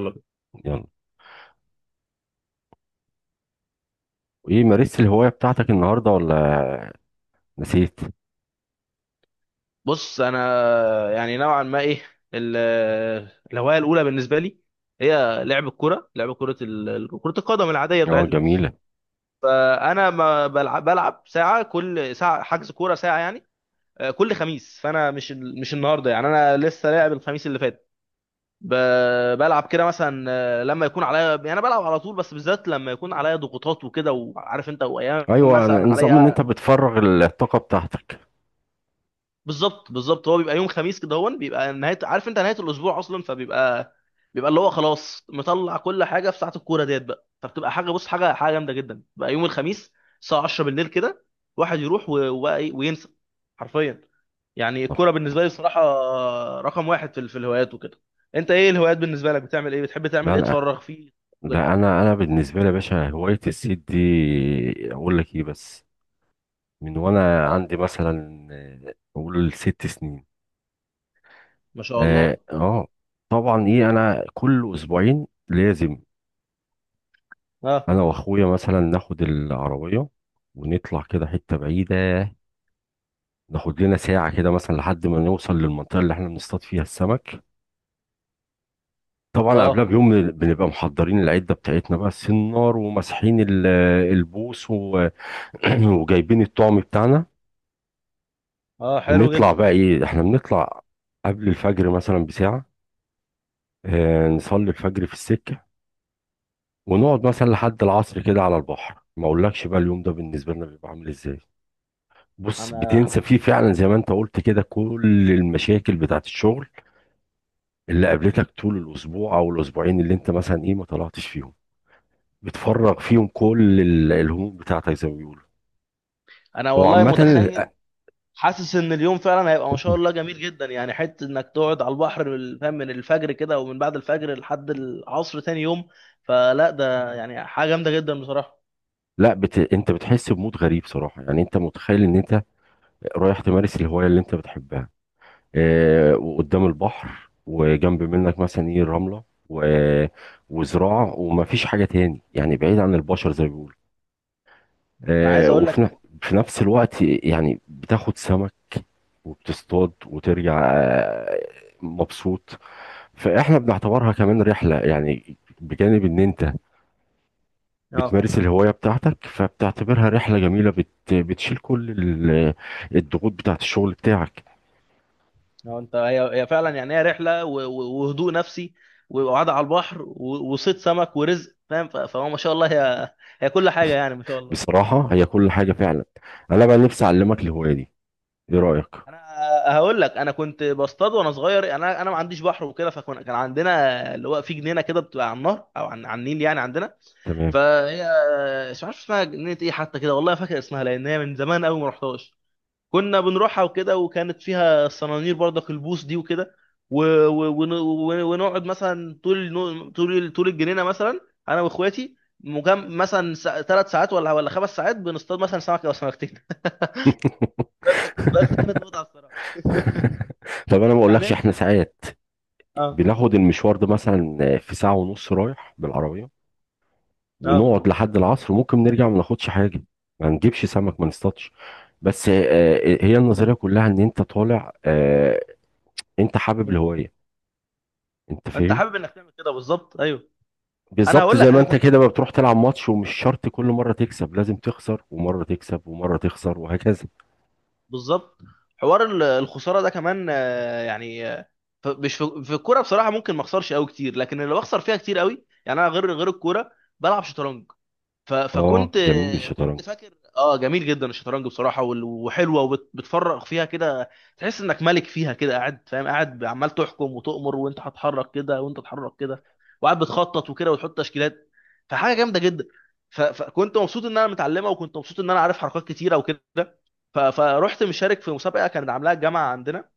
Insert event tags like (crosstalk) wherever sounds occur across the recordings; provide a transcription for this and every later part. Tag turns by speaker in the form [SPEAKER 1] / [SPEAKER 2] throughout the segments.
[SPEAKER 1] يلا بينا.
[SPEAKER 2] يلا. ايه مارست الهواية بتاعتك النهاردة ولا نسيت؟
[SPEAKER 1] بص، انا يعني نوعا ما ايه، ال- الهوايه الاولى بالنسبه لي هي لعب الكره، كره القدم العاديه
[SPEAKER 2] اه
[SPEAKER 1] بتاعتنا.
[SPEAKER 2] جميلة.
[SPEAKER 1] فانا ما بلعب، ساعه كل ساعه حجز كوره ساعه يعني. كل خميس، فانا مش النهارده يعني انا لسه لاعب الخميس اللي فات. بلعب كده مثلا، لما يكون عليا، يعني انا بلعب على طول، بس بالذات لما يكون عليا ضغوطات وكده وعارف انت، وايام
[SPEAKER 2] ايوه،
[SPEAKER 1] مثلا
[SPEAKER 2] نظام ان انت
[SPEAKER 1] عليا.
[SPEAKER 2] بتفرغ الطاقة بتاعتك.
[SPEAKER 1] بالظبط بالظبط، هو بيبقى يوم خميس كده، هو بيبقى نهايه عارف انت، نهايه الاسبوع اصلا، فبيبقى اللي هو خلاص، مطلع كل حاجه في ساعه الكوره ديت بقى. فبتبقى حاجه، بص، حاجه جامده جدا بقى يوم الخميس، الساعه 10 بالليل كده. واحد يروح وبقى ايه، وينسى حرفيا. يعني
[SPEAKER 2] صح.
[SPEAKER 1] الكوره بالنسبه لي بصراحه رقم واحد في في الهوايات وكده. انت ايه الهوايات بالنسبه لك؟ بتعمل ايه؟ بتحب تعمل
[SPEAKER 2] لا،
[SPEAKER 1] ايه
[SPEAKER 2] لا،
[SPEAKER 1] تفرغ فيه؟ كده.
[SPEAKER 2] لا، انا بالنسبة لي يا باشا هواية الصيد دي. اقول لك ايه بس من وانا
[SPEAKER 1] اه،
[SPEAKER 2] عندي مثلا اقول 6 سنين.
[SPEAKER 1] ما شاء
[SPEAKER 2] اه
[SPEAKER 1] الله.
[SPEAKER 2] آه. طبعا ايه انا كل اسبوعين لازم.
[SPEAKER 1] اه
[SPEAKER 2] انا واخويا مثلا ناخد العربية ونطلع كده حتة بعيدة، ناخد لنا ساعة كده مثلا لحد ما نوصل للمنطقة اللي احنا بنصطاد فيها السمك. طبعا قبلها
[SPEAKER 1] اه.
[SPEAKER 2] بيوم بنبقى محضرين العدة بتاعتنا بقى السنار، وماسحين البوص، (clears throat) وجايبين الطعم بتاعنا.
[SPEAKER 1] اه، حلو
[SPEAKER 2] ونطلع
[SPEAKER 1] جدا.
[SPEAKER 2] بقى ايه، احنا بنطلع قبل الفجر مثلا بساعة، اه نصلي الفجر في السكة، ونقعد مثلا لحد العصر كده على البحر. ما اقولكش بقى اليوم ده بالنسبة لنا بيبقى عامل ازاي. بص،
[SPEAKER 1] انا
[SPEAKER 2] بتنسى
[SPEAKER 1] انا
[SPEAKER 2] فيه فعلا زي ما انت قلت كده كل المشاكل بتاعت الشغل اللي قابلتك طول الاسبوع او الاسبوعين اللي انت مثلا ايه ما طلعتش فيهم. بتفرغ فيهم كل الهموم بتاعتك زي ما بيقولوا.
[SPEAKER 1] انا
[SPEAKER 2] هو
[SPEAKER 1] والله
[SPEAKER 2] عامة
[SPEAKER 1] متخيل، حاسس ان اليوم فعلا هيبقى ما شاء الله جميل جدا يعني. حته انك تقعد على البحر فاهم، من الفجر كده ومن بعد الفجر لحد العصر تاني يوم، فلا ده يعني حاجه جامده جدا بصراحه.
[SPEAKER 2] لا، انت بتحس بمود غريب صراحة، يعني انت متخيل ان انت رايح تمارس الهواية اللي انت بتحبها. اه... وقدام البحر وجنب منك مثلا ايه الرملة وزراعة، ومفيش حاجة تاني، يعني بعيد عن البشر زي ما بيقولوا.
[SPEAKER 1] انا عايز
[SPEAKER 2] اه...
[SPEAKER 1] اقول
[SPEAKER 2] وفي ن...
[SPEAKER 1] لك،
[SPEAKER 2] في نفس الوقت يعني بتاخد سمك وبتصطاد وترجع مبسوط. فاحنا بنعتبرها كمان رحلة، يعني بجانب ان انت
[SPEAKER 1] اه
[SPEAKER 2] بتمارس الهواية بتاعتك فبتعتبرها رحلة جميلة، بتشيل كل الضغوط بتاعت الشغل بتاعك.
[SPEAKER 1] اه، انت هي فعلا يعني هي رحله وهدوء نفسي وقعده على البحر وصيد سمك ورزق، فاهم، فهو ما شاء الله، هي كل حاجه يعني، ما شاء الله.
[SPEAKER 2] بصراحة هي كل حاجة فعلا. انا بقى نفسي اعلمك الهواية دي، ايه رأيك؟
[SPEAKER 1] انا هقول لك، انا كنت بصطاد وانا صغير، انا ما عنديش بحر وكده، فكان عندنا اللي هو في جنينه كده، بتبقى على النهر او على النيل يعني عندنا.
[SPEAKER 2] تمام.
[SPEAKER 1] فهي مش عارف اسمها جنينه ايه حتى، كده والله، فاكر اسمها لان هي من زمان قوي ما رحتهاش. كنا بنروحها وكده، وكانت فيها الصنانير برضك، البوص دي وكده، ونقعد مثلا طول طول الجنينه مثلا، انا واخواتي، مثلا 3 ساعات ولا 5 ساعات، بنصطاد مثلا سمك او سمكتين. (laughs) بس كانت
[SPEAKER 2] (laughs)
[SPEAKER 1] متعه الصراحه.
[SPEAKER 2] طب انا ما
[SPEAKER 1] يعني
[SPEAKER 2] اقولكش
[SPEAKER 1] ايه
[SPEAKER 2] احنا
[SPEAKER 1] بالظبط.
[SPEAKER 2] ساعات
[SPEAKER 1] اه
[SPEAKER 2] بناخد المشوار ده مثلا في ساعة ونص رايح بالعربية،
[SPEAKER 1] اه.
[SPEAKER 2] ونقعد لحد العصر، ممكن نرجع ما ناخدش حاجه، ما نجيبش سمك، ما نصطادش. بس هي النظريه كلها ان انت طالع، انت حابب
[SPEAKER 1] مم.
[SPEAKER 2] الهوايه، انت
[SPEAKER 1] انت
[SPEAKER 2] فاهم.
[SPEAKER 1] حابب انك تعمل كده، بالظبط، ايوه. انا
[SPEAKER 2] بالظبط
[SPEAKER 1] هقول
[SPEAKER 2] زي
[SPEAKER 1] لك
[SPEAKER 2] ما
[SPEAKER 1] انا
[SPEAKER 2] انت
[SPEAKER 1] كنت،
[SPEAKER 2] كده، ما بتروح تلعب ماتش ومش شرط كل مره تكسب، لازم تخسر ومره تكسب ومره تخسر وهكذا.
[SPEAKER 1] بالظبط، حوار الخساره ده كمان، يعني مش في الكوره بصراحه ممكن ما اخسرش قوي كتير، لكن اللي بخسر فيها كتير قوي، يعني انا غير الكوره بلعب شطرنج. ف-
[SPEAKER 2] اه
[SPEAKER 1] فكنت
[SPEAKER 2] جميل
[SPEAKER 1] كنت
[SPEAKER 2] الشطرنج،
[SPEAKER 1] فاكر اه، جميل جدا الشطرنج بصراحه، وحلوه وبتفرغ فيها كده. تحس انك ملك فيها كده قاعد، فاهم، قاعد عمال تحكم وتؤمر، وانت هتحرك كده وانت تتحرك كده، وقاعد بتخطط وكده وتحط تشكيلات، فحاجه جامده جدا. فكنت مبسوط ان انا متعلمها، وكنت مبسوط ان انا عارف حركات كتيره وكده. فرحت مشارك في مسابقه كانت عاملاها الجامعه عندنا.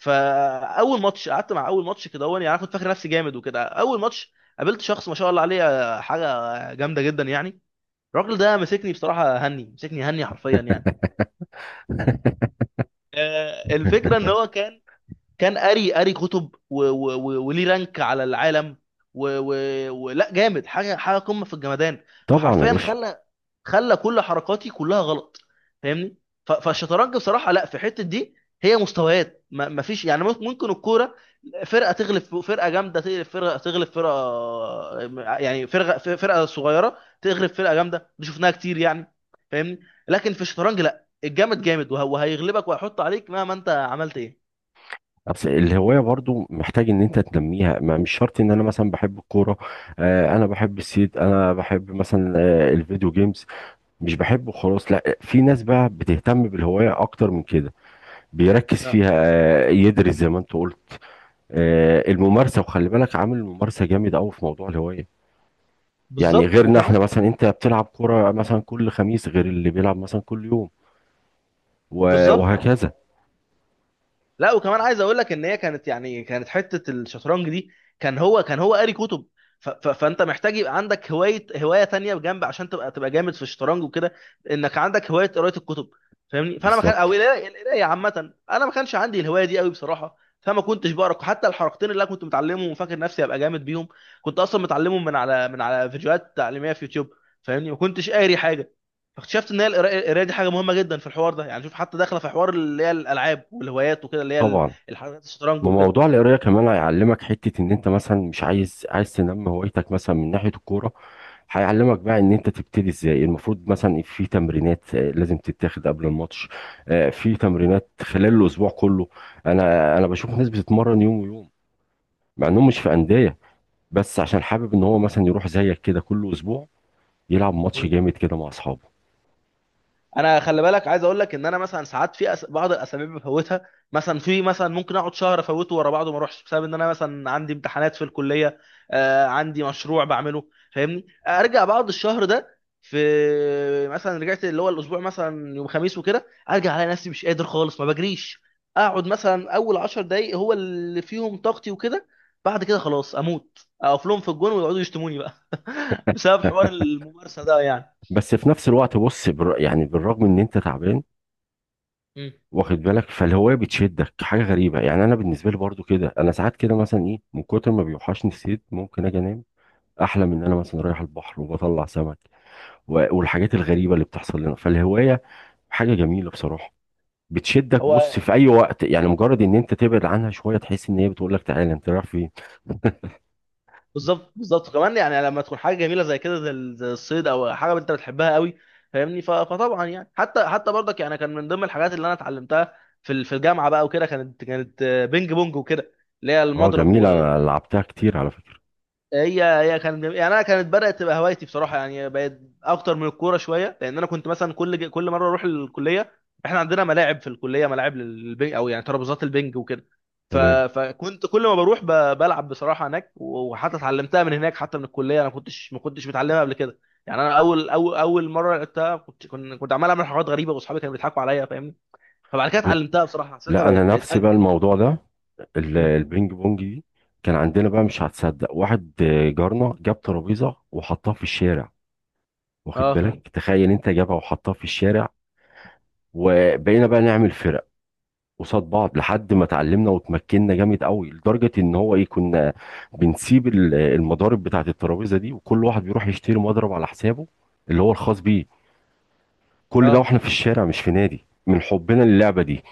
[SPEAKER 1] فاول ماتش قعدت مع، اول ماتش كده، هو يعني انا كنت فاكر نفسي جامد وكده، اول ماتش قابلت شخص ما شاء الله عليه، حاجه جامده جدا يعني. الراجل ده مسكني بصراحه هني، مسكني هني حرفيا يعني. الفكره ان هو كان قاري كتب وليه رانك على العالم ولا جامد حاجه، قمه في الجمدان.
[SPEAKER 2] طبعا يا
[SPEAKER 1] فحرفيا
[SPEAKER 2] باشا.
[SPEAKER 1] خلى كل حركاتي كلها غلط، فاهمني. فالشطرنج بصراحه لا، في الحته دي هي مستويات. ما فيش يعني، ممكن الكوره فرقه تغلب فرقه جامده، تغلب فرقه، تغلب فرقه، يعني فرقه صغيره تغلب فرقه جامده، دي شفناها كتير يعني، فاهمني. لكن في الشطرنج لا، الجامد جامد وهيغلبك وهيحط عليك مهما انت عملت ايه.
[SPEAKER 2] بس الهوايه برضو محتاج ان انت تنميها، ما مش شرط ان انا مثلا بحب الكوره، انا بحب الصيد، انا بحب مثلا الفيديو جيمز، مش
[SPEAKER 1] مم.
[SPEAKER 2] بحبه خلاص. لا، في ناس بقى بتهتم بالهواية اكتر من كده، بيركز
[SPEAKER 1] اه،
[SPEAKER 2] فيها، يدرس زي ما انت قلت، الممارسة، وخلي بالك عامل الممارسة جامد قوي في موضوع الهواية. يعني
[SPEAKER 1] بالظبط
[SPEAKER 2] غيرنا احنا
[SPEAKER 1] وكمان.
[SPEAKER 2] مثلا، انت بتلعب كرة مثلا كل خميس غير اللي بيلعب مثلا كل يوم
[SPEAKER 1] بالظبط بالظبط.
[SPEAKER 2] وهكذا.
[SPEAKER 1] لا وكمان عايز اقول لك، ان هي كانت يعني كانت حته الشطرنج دي، كان هو، قاري كتب. ف ف فانت محتاج يبقى عندك هوايه، تانية بجنب، عشان تبقى جامد في الشطرنج وكده، انك عندك هوايه قرايه الكتب، فاهمني. فانا ما كان،
[SPEAKER 2] بالظبط
[SPEAKER 1] او القرايه عامه انا ما كانش عندي الهوايه دي قوي بصراحه، فما كنتش بقرا حتى الحركتين اللي انا كنت متعلمهم وفاكر نفسي ابقى جامد بيهم. كنت اصلا متعلمهم من على فيديوهات تعليميه في يوتيوب، فاهمني، ما كنتش قاري حاجه. فاكتشفت ان هي القرايه دي حاجه مهمه جدا في الحوار ده، يعني شوف حتى داخله في حوار اللي هي الالعاب والهوايات وكده، اللي هي
[SPEAKER 2] طبعا.
[SPEAKER 1] الحاجات، الشطرنج وكده.
[SPEAKER 2] وموضوع القراية كمان هيعلمك حتة ان انت مثلا مش عايز تنمي هوايتك مثلا من ناحية الكورة، هيعلمك بقى ان انت تبتدي ازاي. المفروض مثلا في تمرينات لازم تتاخد قبل الماتش، في تمرينات خلال الاسبوع كله. انا بشوف ناس بتتمرن يوم ويوم مع انهم مش في انديه، بس عشان حابب ان هو مثلا يروح زيك كده كل اسبوع يلعب ماتش
[SPEAKER 1] مم.
[SPEAKER 2] جامد كده مع اصحابه.
[SPEAKER 1] انا خلي بالك، عايز اقول لك ان انا مثلا ساعات في بعض الاسابيع بفوتها، مثلا في مثلا، ممكن اقعد شهر افوته ورا بعضه ما اروحش، بسبب ان انا مثلا عندي امتحانات في الكليه، عندي مشروع بعمله، فاهمني. ارجع بعد الشهر ده في، مثلا رجعت اللي هو الاسبوع مثلا يوم خميس وكده، ارجع الاقي نفسي مش قادر خالص، ما بجريش. اقعد مثلا اول 10 دقايق هو اللي فيهم طاقتي وكده، بعد كده خلاص اموت، اقف لهم في الجون ويقعدوا يشتموني بقى. (laughs) بسبب حوار
[SPEAKER 2] (laughs)
[SPEAKER 1] الممارسه ده يعني.
[SPEAKER 2] بس في نفس الوقت بص يعني بالرغم ان انت تعبان،
[SPEAKER 1] مم.
[SPEAKER 2] واخد بالك، فالهوايه بتشدك حاجه غريبه. يعني انا بالنسبه لي برضو كده، انا ساعات كده مثلا ايه من كتر ما بيوحشني الصيد ممكن اجي انام، احلم ان انا مثلا رايح البحر وبطلع سمك والحاجات الغريبة اللي بتحصل لنا فالهواية. حاجة جميلة بصراحة، بتشدك بص
[SPEAKER 1] هو
[SPEAKER 2] في اي وقت. يعني مجرد ان انت تبعد عنها شوية تحس ان هي بتقول لك تعالى، انت رايح فين؟
[SPEAKER 1] بالظبط بالظبط، كمان يعني لما تكون حاجه جميله زي كده، زي زي الصيد، او حاجه انت بتحبها قوي، فاهمني. فطبعا يعني، حتى برضك يعني، كان من ضمن الحاجات اللي انا اتعلمتها في في الجامعه بقى وكده، كانت بينج بونج وكده، اللي هي
[SPEAKER 2] اه
[SPEAKER 1] المضرب.
[SPEAKER 2] جميلة، انا لعبتها كتير على فكرة.
[SPEAKER 1] هي كانت يعني انا كانت بدات تبقى هوايتي بصراحه، يعني بقت اكتر من الكوره شويه، لان انا كنت مثلا كل مره اروح الكليه، احنا عندنا ملاعب في الكليه، ملاعب للبنج، او يعني ترابيزات البنج وكده.
[SPEAKER 2] تمام.
[SPEAKER 1] فكنت كل ما بروح بلعب بصراحه هناك، وحتى اتعلمتها من هناك، حتى من الكليه، انا كنتش، ما كنتش متعلمها قبل كده. يعني انا اول مره لعبتها، كنت كنت عمال اعمل حاجات غريبه، واصحابي كانوا بيضحكوا عليا، فاهمني. فبعد كده
[SPEAKER 2] لا،
[SPEAKER 1] اتعلمتها بصراحه، حسيتها
[SPEAKER 2] لا، انا
[SPEAKER 1] بقت،
[SPEAKER 2] نفسي بقى
[SPEAKER 1] اجمل
[SPEAKER 2] الموضوع ده،
[SPEAKER 1] مم.
[SPEAKER 2] البينج بونج دي. كان عندنا بقى، مش هتصدق، واحد جارنا جاب ترابيزة وحطها في الشارع. واخد
[SPEAKER 1] اه
[SPEAKER 2] بالك، تخيل انت، جابها وحطها في الشارع، وبقينا بقى نعمل فرق قصاد بعض لحد ما اتعلمنا وتمكنا جامد قوي، لدرجه ان هو ايه كنا بنسيب المضارب بتاعه الترابيزه دي، وكل واحد بيروح يشتري مضرب على حسابه اللي هو الخاص بيه. كل ده
[SPEAKER 1] اه.
[SPEAKER 2] واحنا في الشارع مش في نادي، من حبنا للعبه دي.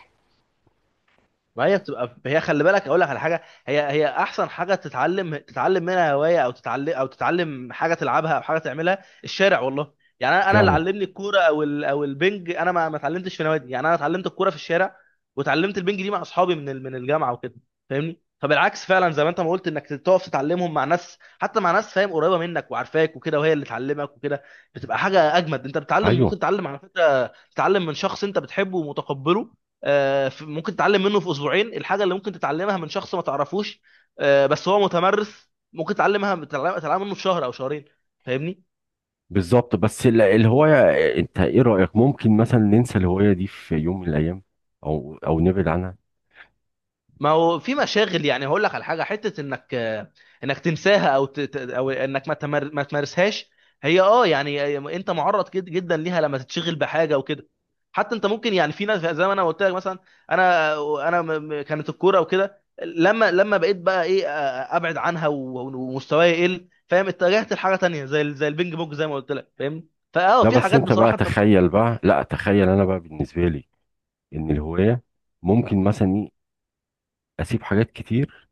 [SPEAKER 1] ما هي بتبقى، هي خلي بالك، اقول لك على حاجه، هي احسن حاجه تتعلم، منها هوايه، او تتعلم، او تتعلم حاجه تلعبها، او حاجه تعملها، الشارع والله. يعني انا اللي
[SPEAKER 2] فعلا.
[SPEAKER 1] علمني الكوره، او او البنج، انا ما اتعلمتش في نوادي، يعني انا اتعلمت الكوره في الشارع، وتعلمت البنج دي مع اصحابي من من الجامعه وكده، فاهمني. فبالعكس فعلا، زي ما انت ما قلت، انك تقف تتعلمهم مع ناس، حتى مع ناس فاهم قريبه منك وعارفاك وكده، وهي اللي تعلمك وكده، بتبقى حاجه اجمد. انت بتتعلم، ممكن
[SPEAKER 2] ايوه
[SPEAKER 1] تتعلم على فكره، تتعلم من شخص انت بتحبه ومتقبله، ممكن تتعلم منه في اسبوعين الحاجه اللي ممكن تتعلمها من شخص ما تعرفوش، بس هو متمرس، ممكن تتعلمها، تتعلم منه في شهر او شهرين، فاهمني.
[SPEAKER 2] بالظبط. بس الهوايه، انت ايه رايك، ممكن مثلا ننسى الهوايه دي في يوم من الايام، او نبعد عنها؟
[SPEAKER 1] ما هو في مشاغل يعني، هقول لك على حاجه، حته انك تنساها او او انك ما تمارسهاش، هي اه يعني، انت معرض جدا ليها لما تتشغل بحاجه وكده. حتى انت ممكن يعني، في ناس زي ما انا قلت لك مثلا، انا كانت الكوره وكده، لما بقيت بقى ايه، ابعد عنها ومستواي يقل، فاهم، اتجهت لحاجه تانية، زي زي البينج بونج، زي ما قلت لك فاهم،
[SPEAKER 2] لا
[SPEAKER 1] في
[SPEAKER 2] بس
[SPEAKER 1] حاجات
[SPEAKER 2] انت بقى
[SPEAKER 1] بصراحه انت ممكن.
[SPEAKER 2] تخيل بقى، لا تخيل، انا بقى بالنسبه لي ان الهوايه ممكن مثلا ايه اسيب حاجات كتير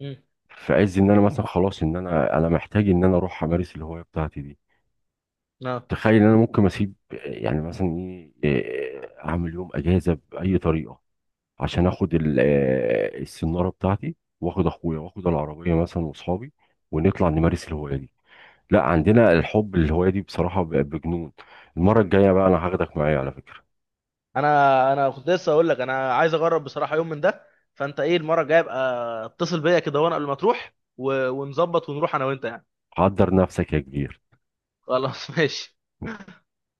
[SPEAKER 1] مم.
[SPEAKER 2] في عز ان انا مثلا خلاص ان انا محتاج ان انا اروح امارس الهوايه بتاعتي دي.
[SPEAKER 1] اه،
[SPEAKER 2] تخيل ان انا ممكن اسيب يعني مثلا ايه اعمل يوم اجازه باي طريقه عشان اخد السناره بتاعتي، واخد اخويا، واخد العربيه مثلا، واصحابي، ونطلع نمارس الهوايه دي. لا، عندنا الحب للهوايه دي بصراحه، بجنون. المره الجايه بقى انا هاخدك معايا على فكره.
[SPEAKER 1] انا كنت لسه اقول لك، انا عايز اجرب بصراحه يوم من ده. فانت ايه، المره الجايه ابقى اتصل بيا كده، وانا قبل ما تروح، ونظبط ونروح انا وانت يعني.
[SPEAKER 2] حضر نفسك يا كبير.
[SPEAKER 1] خلاص. (laughs) ماشي.